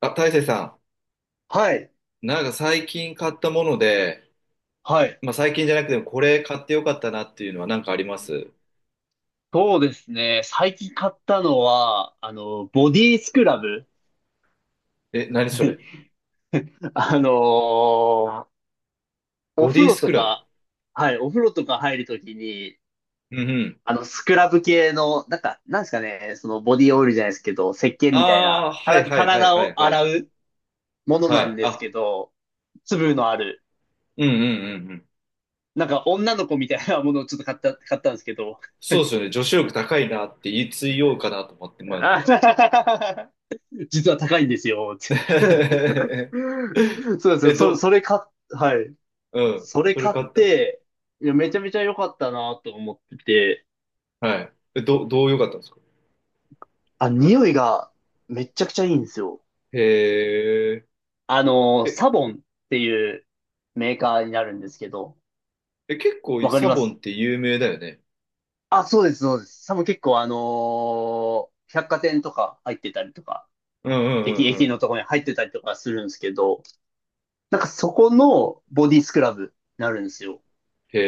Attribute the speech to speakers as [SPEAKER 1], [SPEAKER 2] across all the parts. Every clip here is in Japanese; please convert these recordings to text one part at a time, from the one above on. [SPEAKER 1] あ、大成さ
[SPEAKER 2] はい。
[SPEAKER 1] ん、なんか最近買ったもので、
[SPEAKER 2] はい。
[SPEAKER 1] まあ最近じゃなくてもこれ買ってよかったなっていうのは何かあります？
[SPEAKER 2] そうですね。最近買ったのは、ボディスクラブ。
[SPEAKER 1] え、何
[SPEAKER 2] は
[SPEAKER 1] そ
[SPEAKER 2] い
[SPEAKER 1] れ？
[SPEAKER 2] あのお
[SPEAKER 1] ボ
[SPEAKER 2] 風
[SPEAKER 1] ディ
[SPEAKER 2] 呂
[SPEAKER 1] ス
[SPEAKER 2] と
[SPEAKER 1] クラブ。
[SPEAKER 2] か、はい、お風呂とか入るときに、
[SPEAKER 1] うんうん。
[SPEAKER 2] スクラブ系の、なんか、なんですかね、そのボディオイルじゃないですけど、石鹸
[SPEAKER 1] あ
[SPEAKER 2] みたい
[SPEAKER 1] あ、
[SPEAKER 2] な、か
[SPEAKER 1] はい
[SPEAKER 2] ら
[SPEAKER 1] はいはい
[SPEAKER 2] 体
[SPEAKER 1] はい
[SPEAKER 2] を
[SPEAKER 1] はい。
[SPEAKER 2] 洗うもの
[SPEAKER 1] は
[SPEAKER 2] なん
[SPEAKER 1] い。
[SPEAKER 2] です
[SPEAKER 1] あ、
[SPEAKER 2] けど、粒のある、
[SPEAKER 1] うんうんうんうん。
[SPEAKER 2] なんか女の子みたいなものをちょっと買ったんですけど、
[SPEAKER 1] そうですよね。女子力高いなって言いついようかなと思って迷って
[SPEAKER 2] あ
[SPEAKER 1] た。
[SPEAKER 2] 実は高いんですよ。そうですよ。
[SPEAKER 1] え、
[SPEAKER 2] そ、それ買っ、はい。
[SPEAKER 1] うん。
[SPEAKER 2] それ
[SPEAKER 1] それ
[SPEAKER 2] 買っ
[SPEAKER 1] 買った。
[SPEAKER 2] て、いや、めちゃめちゃ良かったなと思ってて、
[SPEAKER 1] はい。え、どう良かったんですか？
[SPEAKER 2] あ、匂いがめちゃくちゃいいんですよ。
[SPEAKER 1] へえ。え、
[SPEAKER 2] サボンっていうメーカーになるんですけど、
[SPEAKER 1] え、結構
[SPEAKER 2] わかり
[SPEAKER 1] サ
[SPEAKER 2] ま
[SPEAKER 1] ボン
[SPEAKER 2] す。
[SPEAKER 1] って有名だよね。
[SPEAKER 2] あ、そうです、そうです。サボン結構百貨店とか入ってたりとか、
[SPEAKER 1] うんうんうんう
[SPEAKER 2] 駅の
[SPEAKER 1] ん。
[SPEAKER 2] とこに入ってたりとかするんですけど、なんかそこのボディスクラブになるんですよ。
[SPEAKER 1] へ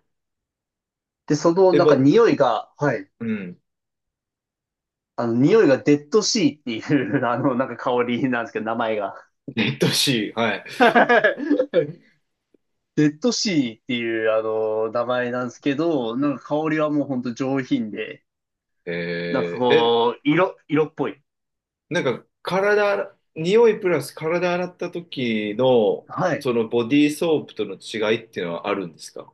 [SPEAKER 1] え。
[SPEAKER 2] で、その
[SPEAKER 1] え、
[SPEAKER 2] なんか匂いが、はい。
[SPEAKER 1] うん。
[SPEAKER 2] 匂いがデッドシーっていう、なんか香りなんですけど、名前が。
[SPEAKER 1] えっとし、はい。
[SPEAKER 2] デッドシーっていうあの名前なんですけど、なんか香りはもうほんと上品で、なんか
[SPEAKER 1] えー、え、
[SPEAKER 2] こう、色っぽい。
[SPEAKER 1] なんか、体、匂いプラス体洗った時の、
[SPEAKER 2] はい。
[SPEAKER 1] そのボディーソープとの違いっていうのはあるんですか？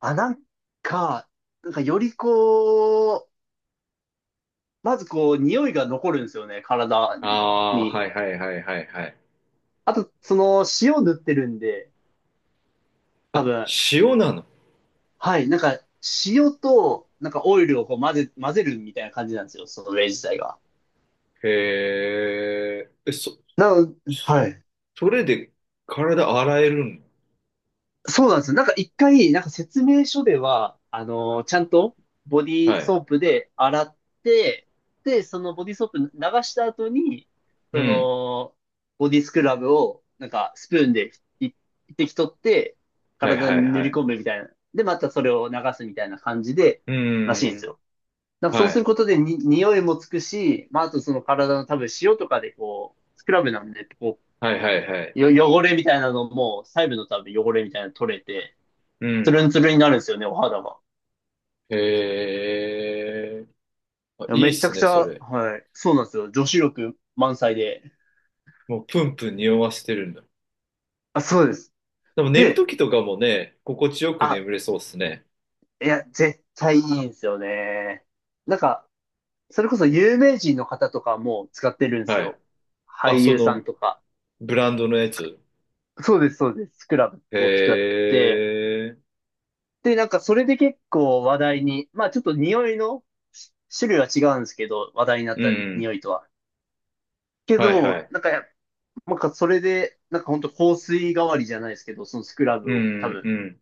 [SPEAKER 2] あ、か、なんかよりこう、まずこう、匂いが残るんですよね、体
[SPEAKER 1] ああー、は
[SPEAKER 2] に。
[SPEAKER 1] いはいはいはいはい。
[SPEAKER 2] あと、塩塗ってるんで、多
[SPEAKER 1] あ、
[SPEAKER 2] 分、
[SPEAKER 1] 塩なの？
[SPEAKER 2] はい、なんか、塩と、なんかオイルをこう混ぜるみたいな感じなんですよ、その例自体が。
[SPEAKER 1] へえ。え、
[SPEAKER 2] なの、はい。
[SPEAKER 1] それで体洗えるの？
[SPEAKER 2] そうなんですよ。なんか一回、なんか説明書では、ちゃんとボディ
[SPEAKER 1] は
[SPEAKER 2] ー
[SPEAKER 1] い。
[SPEAKER 2] ソープで洗って、で、そのボディーソープ流した後に、
[SPEAKER 1] う
[SPEAKER 2] そ
[SPEAKER 1] ん。
[SPEAKER 2] の、ボディスクラブを、なんかスプーンでい一滴取って、
[SPEAKER 1] はい
[SPEAKER 2] 体
[SPEAKER 1] は
[SPEAKER 2] に
[SPEAKER 1] い
[SPEAKER 2] 塗
[SPEAKER 1] は
[SPEAKER 2] り
[SPEAKER 1] い。
[SPEAKER 2] 込むみたいな。で、またそれを流すみたいな感じで、
[SPEAKER 1] う
[SPEAKER 2] らしいんです
[SPEAKER 1] ん。
[SPEAKER 2] よ。なんかそう
[SPEAKER 1] は
[SPEAKER 2] する
[SPEAKER 1] い。
[SPEAKER 2] ことでに、匂いもつくし、まあ、あとその体の多分塩とかでこう、スクラブなんで、こ
[SPEAKER 1] はいはいはい。
[SPEAKER 2] う、汚れみたいなのも、細部の多分汚れみたいなの取れて、
[SPEAKER 1] う
[SPEAKER 2] ツ
[SPEAKER 1] ん。
[SPEAKER 2] ルンツルンになるんですよね、お肌が。
[SPEAKER 1] へえ。あ、
[SPEAKER 2] いや
[SPEAKER 1] いいっ
[SPEAKER 2] めちゃ
[SPEAKER 1] す
[SPEAKER 2] くち
[SPEAKER 1] ね、
[SPEAKER 2] ゃ、
[SPEAKER 1] それ。
[SPEAKER 2] はい。そうなんですよ。女子力満載で。
[SPEAKER 1] もうプンプン匂わせてるんだ。
[SPEAKER 2] あ、そうです。
[SPEAKER 1] でも寝る
[SPEAKER 2] で、
[SPEAKER 1] ときとかもね、心地よく
[SPEAKER 2] あ、
[SPEAKER 1] 眠れそうっすね。
[SPEAKER 2] いや、絶対いいんですよね。なんか、それこそ有名人の方とかも使ってるんです
[SPEAKER 1] はい。
[SPEAKER 2] よ。
[SPEAKER 1] あ、
[SPEAKER 2] 俳
[SPEAKER 1] そ
[SPEAKER 2] 優さ
[SPEAKER 1] の
[SPEAKER 2] んとか。
[SPEAKER 1] ブランドのやつ。
[SPEAKER 2] そうです、そうです。スクラブ
[SPEAKER 1] へ
[SPEAKER 2] を使って。
[SPEAKER 1] え。
[SPEAKER 2] で、なんかそれで結構話題に、まあちょっと匂いの種類は違うんですけど、話題になっ
[SPEAKER 1] う
[SPEAKER 2] た
[SPEAKER 1] ん。
[SPEAKER 2] 匂いとは。け
[SPEAKER 1] はいは
[SPEAKER 2] ど、
[SPEAKER 1] い。
[SPEAKER 2] なんかそれで、なんか本当香水代わりじゃないですけど、そのスクラ
[SPEAKER 1] う
[SPEAKER 2] ブを多
[SPEAKER 1] ん、
[SPEAKER 2] 分、
[SPEAKER 1] うん。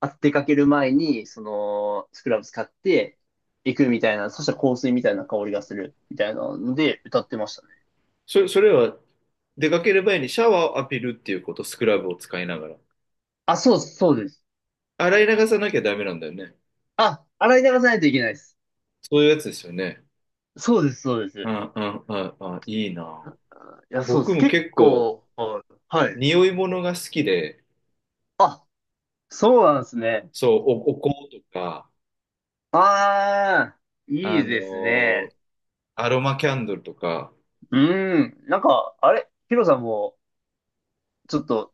[SPEAKER 2] 出かける前に、そのスクラブ使って行くみたいな、そしたら香水みたいな香りがするみたいなので歌ってましたね。
[SPEAKER 1] それは出かける前にシャワーを浴びるっていうこと、スクラブを使いながら。
[SPEAKER 2] あ、そうです、そうです。
[SPEAKER 1] 洗い流さなきゃダメなんだよね。
[SPEAKER 2] あ、洗い流さないといけないです。
[SPEAKER 1] そういうやつですよね。
[SPEAKER 2] そうです、そうです。
[SPEAKER 1] ああ、ああ、あいいな。
[SPEAKER 2] あいや、そうで
[SPEAKER 1] 僕
[SPEAKER 2] す。
[SPEAKER 1] も
[SPEAKER 2] 結
[SPEAKER 1] 結構、
[SPEAKER 2] 構、はい。はい。
[SPEAKER 1] 匂い物が好きで、
[SPEAKER 2] あ、そうなんですね。
[SPEAKER 1] そう、お香とか、
[SPEAKER 2] ああ、い
[SPEAKER 1] あ
[SPEAKER 2] い
[SPEAKER 1] の
[SPEAKER 2] です
[SPEAKER 1] ー
[SPEAKER 2] ね。
[SPEAKER 1] アロマキャンドルとか、
[SPEAKER 2] うん。なんか、あれ、ヒロさんも、ちょっと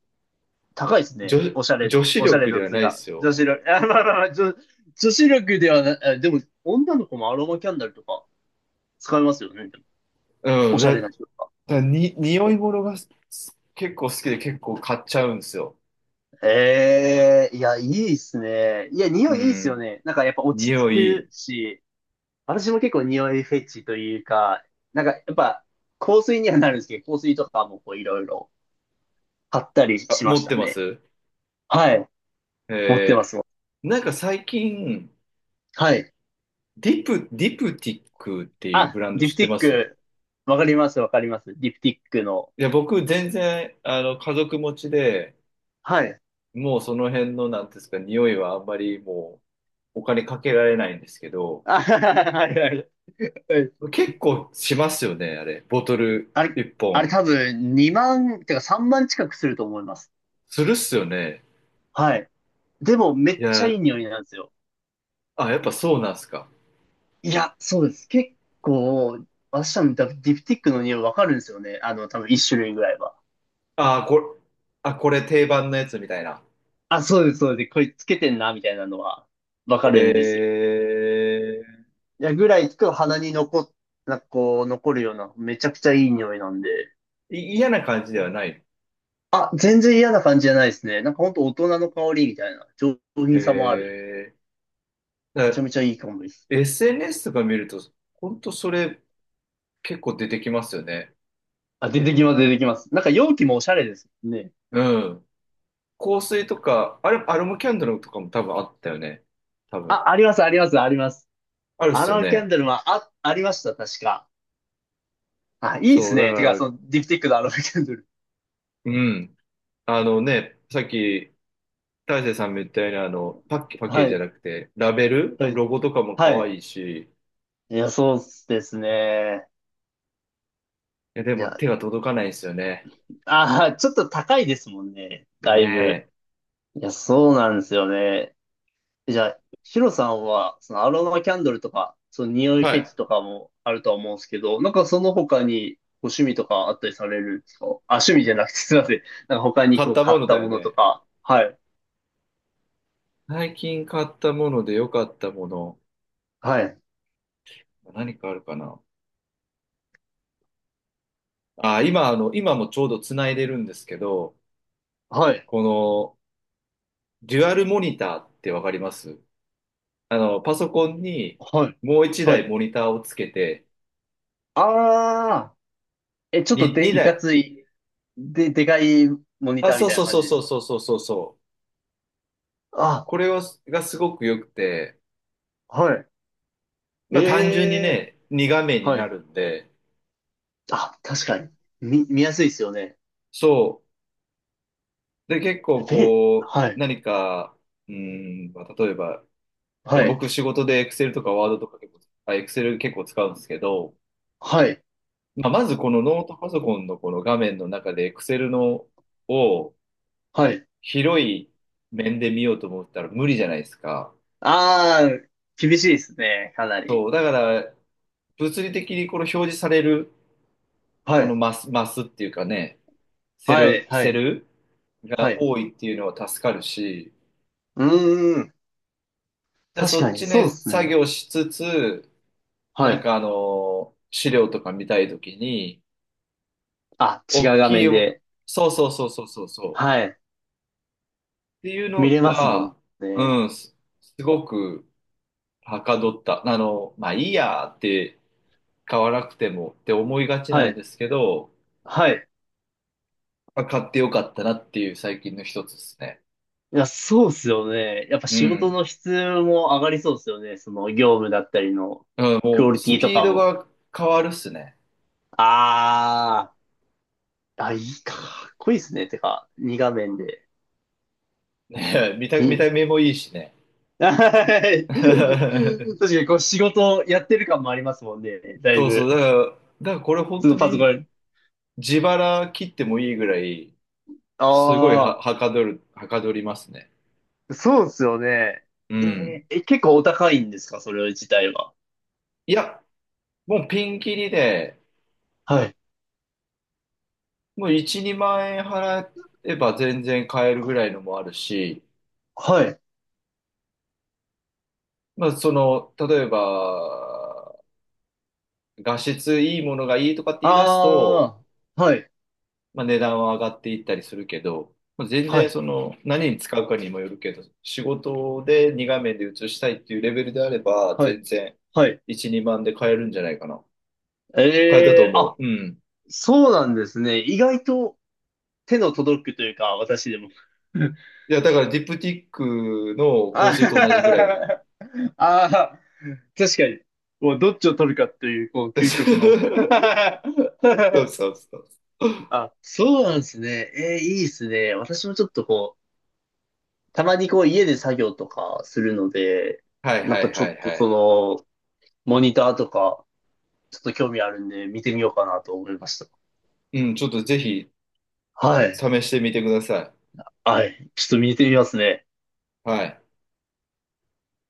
[SPEAKER 2] 高いですね。
[SPEAKER 1] 女、
[SPEAKER 2] おしゃれ
[SPEAKER 1] 女
[SPEAKER 2] 度。
[SPEAKER 1] 子
[SPEAKER 2] おしゃれ
[SPEAKER 1] 力で
[SPEAKER 2] 度っ
[SPEAKER 1] は
[SPEAKER 2] つ
[SPEAKER 1] な
[SPEAKER 2] う
[SPEAKER 1] いで
[SPEAKER 2] か。
[SPEAKER 1] すよ。
[SPEAKER 2] 女子力。あ、まあまあまあ、女子力ではない。でも、女の子もアロマキャンドルとか使いますよね。でも
[SPEAKER 1] う
[SPEAKER 2] お
[SPEAKER 1] ん、
[SPEAKER 2] しゃれ
[SPEAKER 1] だ、
[SPEAKER 2] な人とか。
[SPEAKER 1] だに、匂い物が結構好きで結構買っちゃうんですよ。
[SPEAKER 2] ええいや、いいっすね。いや、
[SPEAKER 1] う
[SPEAKER 2] 匂いいいっすよ
[SPEAKER 1] ん、
[SPEAKER 2] ね。なんかやっぱ落ち
[SPEAKER 1] 匂
[SPEAKER 2] 着く
[SPEAKER 1] い、
[SPEAKER 2] し、私も結構匂いフェチというか、なんかやっぱ香水にはなるんですけど、香水とかもこういろいろ買ったり
[SPEAKER 1] あ、
[SPEAKER 2] しま
[SPEAKER 1] 持
[SPEAKER 2] し
[SPEAKER 1] って
[SPEAKER 2] た
[SPEAKER 1] ま
[SPEAKER 2] ね。
[SPEAKER 1] す？
[SPEAKER 2] はい。持ってま
[SPEAKER 1] え
[SPEAKER 2] すもん。
[SPEAKER 1] なんか最近、
[SPEAKER 2] はい。
[SPEAKER 1] ディプティックっていうブ
[SPEAKER 2] あ、
[SPEAKER 1] ランド
[SPEAKER 2] ディ
[SPEAKER 1] 知
[SPEAKER 2] プ
[SPEAKER 1] って
[SPEAKER 2] ティッ
[SPEAKER 1] ます？
[SPEAKER 2] ク。わかります、わかります。ディプティックの。
[SPEAKER 1] いや、僕全然、家族持ちで、
[SPEAKER 2] はい。
[SPEAKER 1] もうその辺の、なんていうんですか、匂いはあんまりもうお金かけられないんですけど、
[SPEAKER 2] あ、はいはいはい。
[SPEAKER 1] 結構しますよね、あれ。ボトル
[SPEAKER 2] あれ、
[SPEAKER 1] 一
[SPEAKER 2] あれ
[SPEAKER 1] 本。
[SPEAKER 2] 多分2万、てか3万近くすると思います。
[SPEAKER 1] するっすよね。
[SPEAKER 2] はい。でもめ
[SPEAKER 1] い
[SPEAKER 2] っちゃ
[SPEAKER 1] や、
[SPEAKER 2] いい匂いなんですよ。
[SPEAKER 1] あ、やっぱそうなんすか。
[SPEAKER 2] いや、そうです。結構、私多分ディプティックの匂いわかるんですよね。多分1種類ぐらいは。
[SPEAKER 1] あ、これ、あ、これ定番のやつみたいな。
[SPEAKER 2] あ、そうです、そうです。これつけてんな、みたいなのはわかるんですよ。
[SPEAKER 1] え
[SPEAKER 2] いや、ぐらいと鼻になんかこう、残るような、めちゃくちゃいい匂いなんで。
[SPEAKER 1] 嫌な感じではない。
[SPEAKER 2] あ、全然嫌な感じじゃないですね。なんかほんと大人の香りみたいな、上品さもある。
[SPEAKER 1] え
[SPEAKER 2] め
[SPEAKER 1] だ
[SPEAKER 2] ち
[SPEAKER 1] か
[SPEAKER 2] ゃ
[SPEAKER 1] ら
[SPEAKER 2] めちゃいい香りです。
[SPEAKER 1] SNS とか見ると、ほんとそれ結構出てきますよね。
[SPEAKER 2] あ、出てきます、出てきます。なんか容器もおしゃれですね。
[SPEAKER 1] うん。香水とか、あれ、アロマキャンドルとかも多分あったよね。多分。
[SPEAKER 2] あ、あります、あります、あります。
[SPEAKER 1] あるっ
[SPEAKER 2] ア
[SPEAKER 1] す
[SPEAKER 2] ロ
[SPEAKER 1] よ
[SPEAKER 2] マキャン
[SPEAKER 1] ね。
[SPEAKER 2] ドルもあ、ありました、確か。あ、いいで
[SPEAKER 1] そ
[SPEAKER 2] す
[SPEAKER 1] う、だか
[SPEAKER 2] ね。てか、
[SPEAKER 1] ら、
[SPEAKER 2] その、ディプティックのアロマキャンドル。
[SPEAKER 1] うん。あのね、さっき、大勢さんも言ったように、パッケー
[SPEAKER 2] は
[SPEAKER 1] ジじゃ
[SPEAKER 2] い、
[SPEAKER 1] なくて、ラベル、
[SPEAKER 2] はい、
[SPEAKER 1] ロゴとかも可
[SPEAKER 2] はい。
[SPEAKER 1] 愛いし、い
[SPEAKER 2] いや、そうですね。
[SPEAKER 1] や、で
[SPEAKER 2] い
[SPEAKER 1] も
[SPEAKER 2] や、
[SPEAKER 1] 手が届かないんですよね。
[SPEAKER 2] ちょっと高いですもんね。だいぶ。
[SPEAKER 1] ね
[SPEAKER 2] いや、そうなんですよね。じゃあ、シロさんは、そのアロマキャンドルとか、その匂い
[SPEAKER 1] え。は
[SPEAKER 2] フェ
[SPEAKER 1] い。
[SPEAKER 2] チとかもあるとは思うんですけど、なんかその他にご趣味とかあったりされるんですか？あ、趣味じゃなくてすいません。なんか他に
[SPEAKER 1] 買っ
[SPEAKER 2] こう
[SPEAKER 1] た
[SPEAKER 2] 買
[SPEAKER 1] も
[SPEAKER 2] っ
[SPEAKER 1] のだ
[SPEAKER 2] た
[SPEAKER 1] よ
[SPEAKER 2] ものと
[SPEAKER 1] ね。
[SPEAKER 2] か。はい。
[SPEAKER 1] 最近買ったもので良かったもの、
[SPEAKER 2] はい。
[SPEAKER 1] 何かあるかな。あ、今、あの、今もちょうど繋いでるんですけど、
[SPEAKER 2] はい。
[SPEAKER 1] この、デュアルモニターってわかります？パソコンに
[SPEAKER 2] はい。
[SPEAKER 1] もう一
[SPEAKER 2] は
[SPEAKER 1] 台
[SPEAKER 2] い。
[SPEAKER 1] モニターをつけて、
[SPEAKER 2] ああ、え、ちょっとで、い
[SPEAKER 1] 二
[SPEAKER 2] か
[SPEAKER 1] 台。
[SPEAKER 2] つい、でかいモニ
[SPEAKER 1] あ、
[SPEAKER 2] ターみ
[SPEAKER 1] そう
[SPEAKER 2] たいな
[SPEAKER 1] そう
[SPEAKER 2] 感
[SPEAKER 1] そう
[SPEAKER 2] じで
[SPEAKER 1] そう
[SPEAKER 2] す。
[SPEAKER 1] そうそうそうそう。
[SPEAKER 2] あ、
[SPEAKER 1] これは、がすごく良くて、
[SPEAKER 2] はい。
[SPEAKER 1] まあ単純に
[SPEAKER 2] ええ、
[SPEAKER 1] ね、2画面に
[SPEAKER 2] は
[SPEAKER 1] な
[SPEAKER 2] い。
[SPEAKER 1] るんで、
[SPEAKER 2] あ、確かに。見やすいですよね。
[SPEAKER 1] そう。で、結構
[SPEAKER 2] え、
[SPEAKER 1] こう、
[SPEAKER 2] はい。
[SPEAKER 1] 何か、うーまあ例えば、
[SPEAKER 2] はい。
[SPEAKER 1] 僕仕事で Excel とか Word とか結構、あ、Excel 結構使うんですけど、
[SPEAKER 2] はい。
[SPEAKER 1] まあまずこのノートパソコンのこの画面の中で Excel のを
[SPEAKER 2] はい。
[SPEAKER 1] 広い面で見ようと思ったら無理じゃないですか。
[SPEAKER 2] ああ、厳しいですね、かなり。
[SPEAKER 1] そう。だから、物理的にこの表示される、
[SPEAKER 2] は
[SPEAKER 1] この
[SPEAKER 2] い。
[SPEAKER 1] マスっていうかね、セ
[SPEAKER 2] はい、
[SPEAKER 1] ル、
[SPEAKER 2] は
[SPEAKER 1] セ
[SPEAKER 2] い、
[SPEAKER 1] ル
[SPEAKER 2] は
[SPEAKER 1] が
[SPEAKER 2] い。
[SPEAKER 1] 多いっていうのは助かるし、
[SPEAKER 2] うーん。
[SPEAKER 1] で、
[SPEAKER 2] 確
[SPEAKER 1] そっ
[SPEAKER 2] かに、
[SPEAKER 1] ち
[SPEAKER 2] そうで
[SPEAKER 1] ね、
[SPEAKER 2] す
[SPEAKER 1] 作
[SPEAKER 2] ね。
[SPEAKER 1] 業しつつ、
[SPEAKER 2] は
[SPEAKER 1] なん
[SPEAKER 2] い。
[SPEAKER 1] かあの、資料とか見たいときに、
[SPEAKER 2] あ、違
[SPEAKER 1] 大
[SPEAKER 2] う画
[SPEAKER 1] きい、
[SPEAKER 2] 面で。
[SPEAKER 1] そうそうそうそうそうそう。っ
[SPEAKER 2] はい。
[SPEAKER 1] ていう
[SPEAKER 2] 見
[SPEAKER 1] の
[SPEAKER 2] れますもん
[SPEAKER 1] は、
[SPEAKER 2] ね。
[SPEAKER 1] うん、すごくはかどった。まあいいやって買わなくてもって思いがち
[SPEAKER 2] は
[SPEAKER 1] なん
[SPEAKER 2] い。
[SPEAKER 1] ですけど、
[SPEAKER 2] はい。
[SPEAKER 1] まあ、買ってよかったなっていう最近の一つですね。
[SPEAKER 2] いや、そうっすよね。やっぱ
[SPEAKER 1] う
[SPEAKER 2] 仕事
[SPEAKER 1] ん。
[SPEAKER 2] の質も上がりそうっすよね。その業務だったりの
[SPEAKER 1] うん、
[SPEAKER 2] ク
[SPEAKER 1] も
[SPEAKER 2] オ
[SPEAKER 1] う
[SPEAKER 2] リ
[SPEAKER 1] ス
[SPEAKER 2] ティと
[SPEAKER 1] ピー
[SPEAKER 2] か
[SPEAKER 1] ド
[SPEAKER 2] も。
[SPEAKER 1] が変わるっすね。
[SPEAKER 2] あー。あ、いいか。かっこいいっすね。てか、2画面で。
[SPEAKER 1] ね、見た目もいいしね。
[SPEAKER 2] はい。確かにこう仕事やってる感もありますもんね。だい
[SPEAKER 1] そうそう、だ
[SPEAKER 2] ぶ。
[SPEAKER 1] から、だからこれ本
[SPEAKER 2] そ
[SPEAKER 1] 当
[SPEAKER 2] のパソコ
[SPEAKER 1] に
[SPEAKER 2] ン。
[SPEAKER 1] 自腹切ってもいいぐらい、すごい
[SPEAKER 2] あ
[SPEAKER 1] はかどりますね。
[SPEAKER 2] あ、そうですよね。
[SPEAKER 1] うん。
[SPEAKER 2] え、結構お高いんですかそれ自体は？
[SPEAKER 1] いや、もうピンキリで、
[SPEAKER 2] はい。
[SPEAKER 1] もう1、2万円払えば全然買えるぐらいのもあるし、
[SPEAKER 2] はい。
[SPEAKER 1] まあ、例えば、画質いいものがいいとかって言い出すと、
[SPEAKER 2] ああ、はい。
[SPEAKER 1] まあ、値段は上がっていったりするけど、まあ、全
[SPEAKER 2] は
[SPEAKER 1] 然
[SPEAKER 2] い。
[SPEAKER 1] 何に使うかにもよるけど、仕事で2画面で映したいっていうレベルであれば、
[SPEAKER 2] は
[SPEAKER 1] 全
[SPEAKER 2] い。
[SPEAKER 1] 然
[SPEAKER 2] はい。
[SPEAKER 1] 1、2万で買えるんじゃないかな。変えたと
[SPEAKER 2] ええ
[SPEAKER 1] 思
[SPEAKER 2] あ、
[SPEAKER 1] う。うん。
[SPEAKER 2] そうなんですね。意外と手の届くというか、私でも。
[SPEAKER 1] いや、だからディプティックの香
[SPEAKER 2] あ
[SPEAKER 1] 水と同じぐらいで。
[SPEAKER 2] ーあー、確かに。もうどっちを取るかっていう、こう、究
[SPEAKER 1] そ
[SPEAKER 2] 極の。
[SPEAKER 1] うそ うそう。
[SPEAKER 2] あ、そうなんですね。えー、いいですね。私もちょっとこう、たまにこう家で作業とかするので、
[SPEAKER 1] はい
[SPEAKER 2] な
[SPEAKER 1] は
[SPEAKER 2] んか
[SPEAKER 1] い
[SPEAKER 2] ちょ
[SPEAKER 1] は
[SPEAKER 2] っ
[SPEAKER 1] い
[SPEAKER 2] と
[SPEAKER 1] はい。
[SPEAKER 2] モニターとか、ちょっと興味あるんで見てみようかなと思いました。
[SPEAKER 1] うん、ちょっとぜひ
[SPEAKER 2] は
[SPEAKER 1] 試
[SPEAKER 2] い。
[SPEAKER 1] してみてくださ
[SPEAKER 2] はい。ちょっと見てみますね。
[SPEAKER 1] い。はい。